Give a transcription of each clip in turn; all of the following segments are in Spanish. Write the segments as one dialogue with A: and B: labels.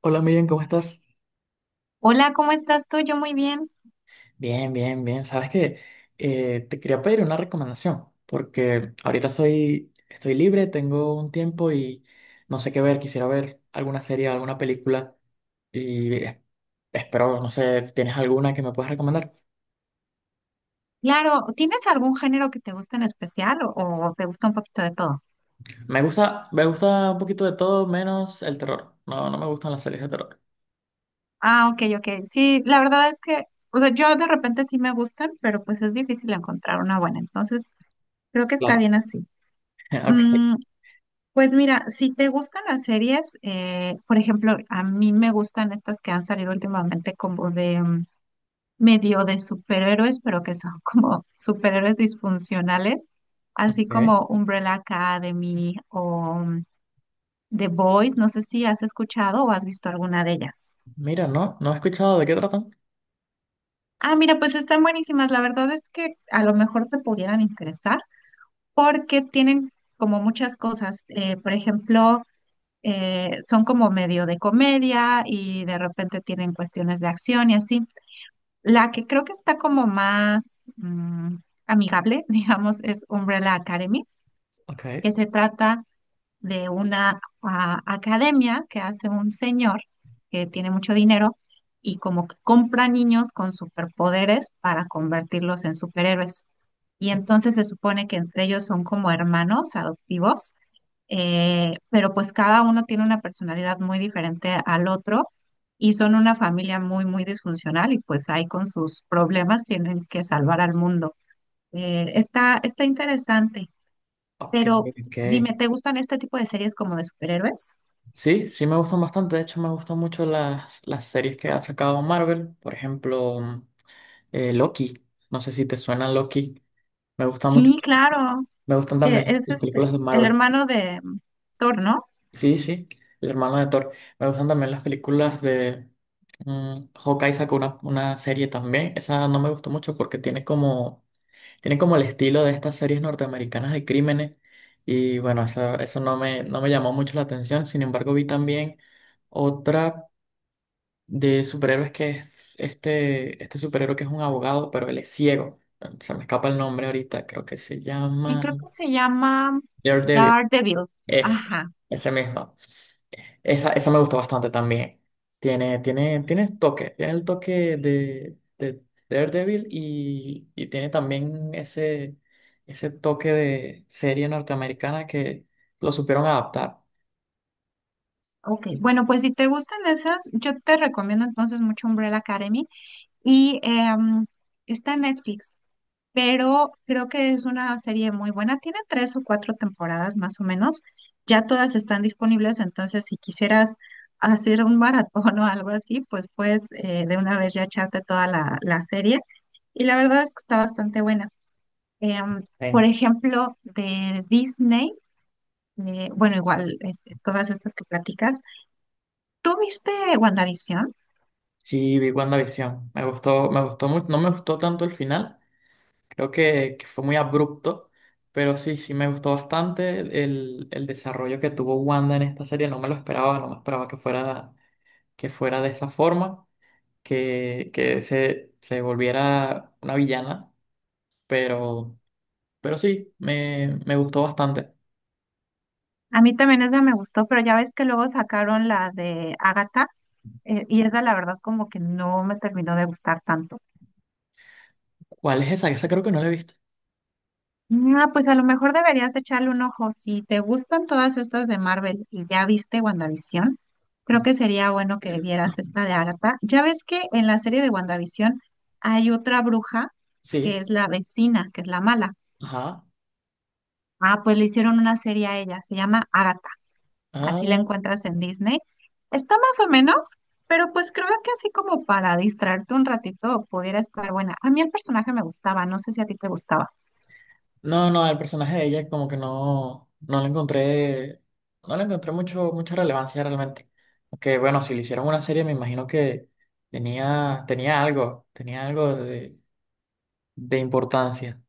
A: Hola, Miriam, ¿cómo estás?
B: Hola, ¿cómo estás tú? Yo muy bien.
A: Bien, bien, bien. Sabes que te quería pedir una recomendación, porque ahorita soy, estoy libre, tengo un tiempo y no sé qué ver. Quisiera ver alguna serie, alguna película y es- espero, no sé, ¿si tienes alguna que me puedas recomendar?
B: Claro, ¿tienes algún género que te guste en especial o te gusta un poquito de todo?
A: Me gusta un poquito de todo, menos el terror. No, no me gustan las series de terror.
B: Ah, ok, ok. Sí, la verdad es que, o sea, yo de repente sí me gustan, pero pues es difícil encontrar una buena. Entonces, creo que está
A: Claro.
B: bien así.
A: Ok.
B: Mm, pues mira, si te gustan las series, por ejemplo, a mí me gustan estas que han salido últimamente como de medio de superhéroes, pero que son como superhéroes disfuncionales, así
A: Ok.
B: como Umbrella Academy o The Boys, no sé si has escuchado o has visto alguna de ellas.
A: Mira, no, no he escuchado de qué tratan.
B: Ah, mira, pues están buenísimas. La verdad es que a lo mejor te pudieran interesar porque tienen como muchas cosas. Por ejemplo, son como medio de comedia y de repente tienen cuestiones de acción y así. La que creo que está como más amigable, digamos, es Umbrella Academy,
A: Ok,
B: que se trata de una academia que hace un señor que tiene mucho dinero y como que compra niños con superpoderes para convertirlos en superhéroes. Y entonces se supone que entre ellos son como hermanos adoptivos, pero pues cada uno tiene una personalidad muy diferente al otro y son una familia muy, muy disfuncional y pues ahí con sus problemas tienen que salvar al mundo. Está interesante.
A: ok,
B: Pero
A: ok.
B: dime, ¿te gustan este tipo de series como de superhéroes?
A: Sí, sí me gustan bastante. De hecho, me gustan mucho las series que ha sacado Marvel. Por ejemplo, Loki. No sé si te suena Loki. Me gusta mucho.
B: Sí, claro.
A: Me gustan
B: que
A: también
B: Es
A: las
B: este,
A: películas de
B: el
A: Marvel.
B: hermano de Thor, ¿no?
A: Sí, sí, el hermano de Thor. Me gustan también las películas de Hawkeye sacó una serie también. Esa no me gustó mucho porque tiene como el estilo de estas series norteamericanas de crímenes. Y bueno, eso no me, no me llamó mucho la atención. Sin embargo, vi también otra de superhéroes que es este superhéroe que es un abogado, pero él es ciego. Se me escapa el nombre ahorita, creo que se
B: Y
A: llama
B: creo que se llama
A: Daredevil.
B: Daredevil.
A: Es
B: Ajá.
A: ese mismo. Esa me gustó bastante también. Tiene toque, tiene el toque de Daredevil, y tiene también ese toque de serie norteamericana que lo supieron adaptar.
B: Ok. Bueno, pues si te gustan esas, yo te recomiendo entonces mucho Umbrella Academy. Y está en Netflix, pero creo que es una serie muy buena. Tiene tres o cuatro temporadas más o menos. Ya todas están disponibles, entonces si quisieras hacer un maratón o algo así, pues puedes de una vez ya echarte toda la serie. Y la verdad es que está bastante buena. Em,
A: Sí,
B: por ejemplo, de Disney, bueno, igual todas estas que platicas. ¿Tú viste WandaVision?
A: sí, vi WandaVision. Me gustó mucho. No me gustó tanto el final. Creo que fue muy abrupto, pero sí, sí me gustó bastante el desarrollo que tuvo Wanda en esta serie. No me lo esperaba, no me esperaba que fuera de esa forma, que se volviera una villana, pero, pero sí, me gustó bastante.
B: A mí también esa me gustó, pero ya ves que luego sacaron la de Agatha. Y esa la verdad como que no me terminó de gustar tanto.
A: ¿Cuál es esa? Esa creo que no la he visto.
B: Ah, pues a lo mejor deberías de echarle un ojo. Si te gustan todas estas de Marvel y ya viste WandaVision, creo que sería bueno que vieras esta de Agatha. Ya ves que en la serie de WandaVision hay otra bruja que
A: Sí,
B: es la vecina, que es la mala.
A: ajá.
B: Ah, pues le hicieron una serie a ella, se llama Agatha, así la
A: Ah,
B: encuentras en Disney. Está más o menos, pero pues creo que así como para distraerte un ratito pudiera estar buena. A mí el personaje me gustaba, no sé si a ti te gustaba.
A: no, no, el personaje de ella como que no, no le encontré, no le encontré mucho, mucha relevancia realmente. Aunque bueno, si le hicieron una serie me imagino que tenía, tenía algo de importancia.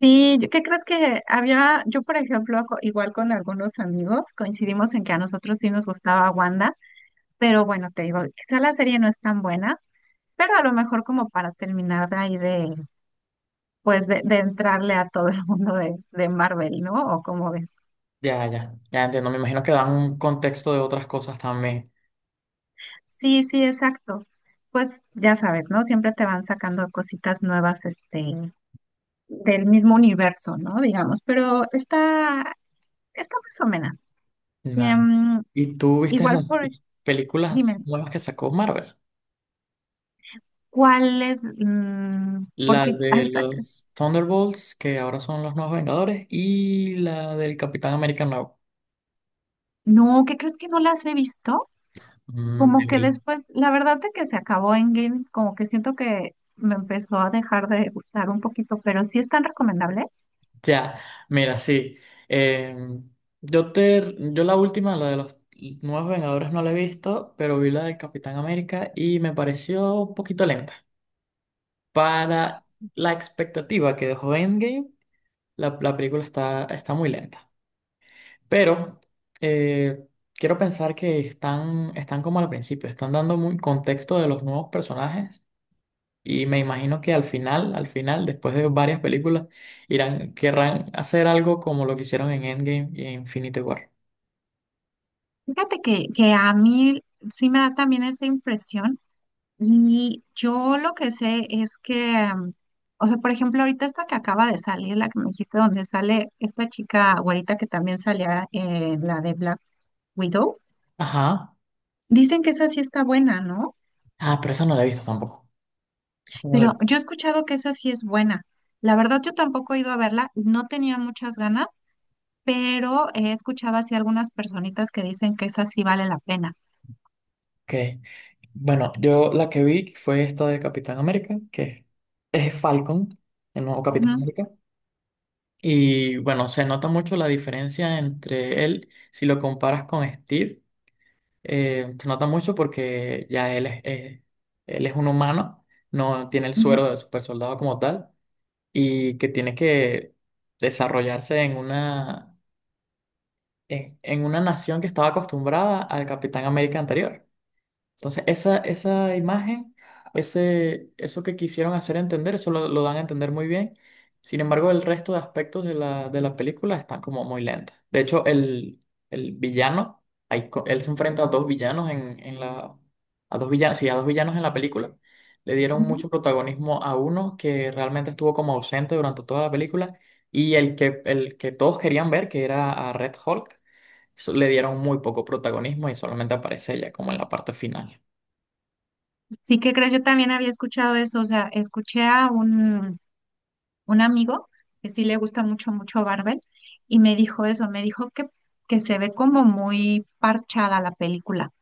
B: Sí, ¿qué crees que había? Yo, por ejemplo, igual con algunos amigos coincidimos en que a nosotros sí nos gustaba Wanda, pero bueno, te digo, quizá la serie no es tan buena, pero a lo mejor como para terminar de ahí pues de entrarle a todo el mundo de Marvel, ¿no? O como ves.
A: Ya, ya, ya entiendo, me imagino que dan un contexto de otras cosas también.
B: Sí, sí, exacto. Pues ya sabes, ¿no? Siempre te van sacando cositas nuevas, este, del mismo universo, ¿no? Digamos, pero está más o menos.
A: Vale.
B: Em,
A: ¿Y tú viste
B: Igual
A: las
B: dime,
A: películas nuevas que sacó Marvel?
B: ¿cuáles?
A: La
B: Porque
A: de
B: hay
A: los Thunderbolts, que ahora son los nuevos Vengadores, y la del Capitán América nuevo.
B: no, ¿qué crees que no las he visto? Como que después, la verdad de que se acabó Endgame, como que siento que me empezó a dejar de gustar un poquito, pero sí están recomendables.
A: Ya, mira, sí. Eh, yo te, yo la última, la de los nuevos Vengadores no la he visto, pero vi la del Capitán América y me pareció un poquito lenta. Para la expectativa que dejó Endgame, la película está, está muy lenta. Pero eh, quiero pensar que están, están como al principio, están dando muy contexto de los nuevos personajes y me imagino que al final, después de varias películas, irán, querrán hacer algo como lo que hicieron en Endgame y en Infinity War.
B: Fíjate que a mí sí me da también esa impresión. Y yo lo que sé es que, o sea, por ejemplo, ahorita esta que acaba de salir, la que me dijiste donde sale esta chica güerita que también salía en la de Black Widow,
A: Ajá.
B: dicen que esa sí está buena, ¿no?
A: Ah, pero esa no la he visto tampoco. Esa no la-
B: Pero yo he escuchado que esa sí es buena. La verdad, yo tampoco he ido a verla, no tenía muchas ganas, pero he escuchado así algunas personitas que dicen que esa sí vale la pena.
A: Ok. Bueno, yo la que vi fue esta de Capitán América, que es Falcon, el nuevo Capitán
B: Ujú,
A: América. Y bueno, se nota mucho la diferencia entre él, si lo comparas con Steve. Se nota mucho porque ya él es un humano, no tiene el
B: ujú,
A: suero de super soldado como tal. Y que tiene que desarrollarse en una nación que estaba acostumbrada al Capitán América anterior. Entonces, esa imagen, ese, eso que quisieron hacer entender, eso lo dan a entender muy bien. Sin embargo, el resto de aspectos de la película están como muy lentos. De hecho, el villano, él se enfrenta a dos villanos a dos villanos, sí, a dos villanos en la película. Le dieron
B: ujú.
A: mucho protagonismo a uno que realmente estuvo como ausente durante toda la película, y el que todos querían ver, que era a Red Hulk, le dieron muy poco protagonismo y solamente aparece ella como en la parte final.
B: Sí, ¿qué crees? Yo también había escuchado eso, o sea, escuché a un amigo que sí le gusta mucho, mucho Marvel, y me dijo eso, me dijo que se ve como muy parchada la película,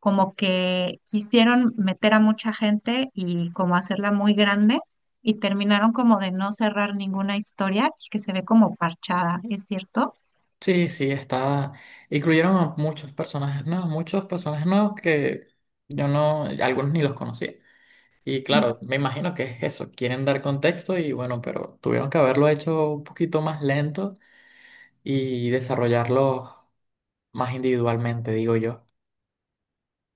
B: como que quisieron meter a mucha gente y como hacerla muy grande, y terminaron como de no cerrar ninguna historia y que se ve como parchada, ¿es cierto?
A: Sí, sí, está. Incluyeron a muchos personajes nuevos que yo no, algunos ni los conocía. Y
B: Mm.
A: claro, me imagino que es eso, quieren dar contexto y bueno, pero tuvieron que haberlo hecho un poquito más lento y desarrollarlo más individualmente, digo yo.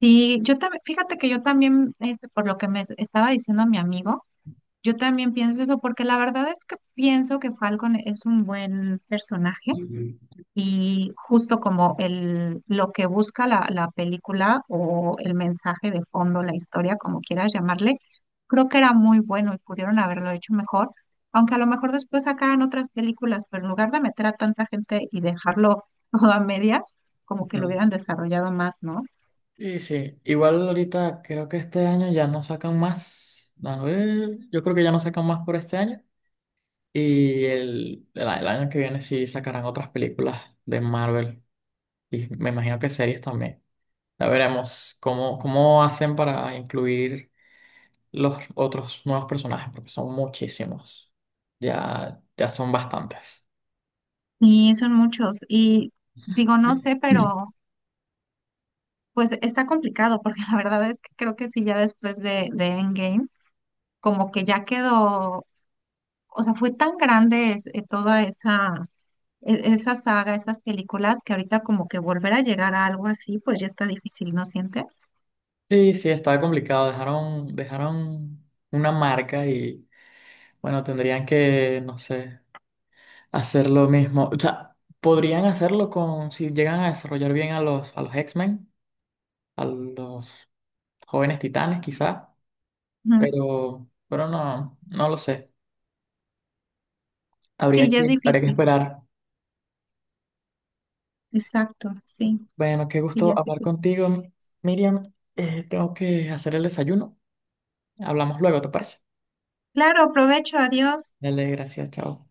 B: Sí, yo también, fíjate que yo también, este, por lo que me estaba diciendo mi amigo, yo también pienso eso, porque la verdad es que pienso que Falcon es un buen personaje.
A: Ujú.
B: Y justo como lo que busca la, la película o el mensaje de fondo, la historia, como quieras llamarle, creo que era muy bueno y pudieron haberlo hecho mejor, aunque a lo mejor después sacaran otras películas, pero en lugar de meter a tanta gente y dejarlo todo a medias, como que lo
A: Ujú.
B: hubieran desarrollado más, ¿no?
A: Sí, sí. Igual ahorita creo que este año ya no sacan más. A ver, yo creo que ya no sacan más por este año. El año que viene sí sacarán otras películas de Marvel. Y me imagino que series también. Ya veremos cómo, cómo hacen para incluir los otros nuevos personajes, porque son muchísimos. Ya, ya son bastantes.
B: Y son muchos. Y digo, no sé, pero pues está complicado, porque la verdad es que creo que sí, ya después de Endgame, como que ya quedó, o sea, fue tan grande toda esa, esa saga, esas películas, que ahorita como que volver a llegar a algo así, pues ya está difícil, ¿no sientes?
A: Sí, sí, está complicado. Dejaron, dejaron una marca y, bueno, tendrían que, no sé, hacer lo mismo. O sea, podrían hacerlo con, si llegan a desarrollar bien a los X-Men, a los jóvenes titanes quizá,
B: Ujú.
A: pero no, no lo sé.
B: Sí, ya es
A: Habría que
B: difícil,
A: esperar.
B: exacto, sí,
A: Bueno, qué
B: sí, ya
A: gusto
B: es
A: hablar
B: difícil.
A: contigo, Miriam. Tengo que hacer el desayuno. Hablamos luego, ¿te parece?
B: Claro, provecho, adiós.
A: Dale, gracias, chao.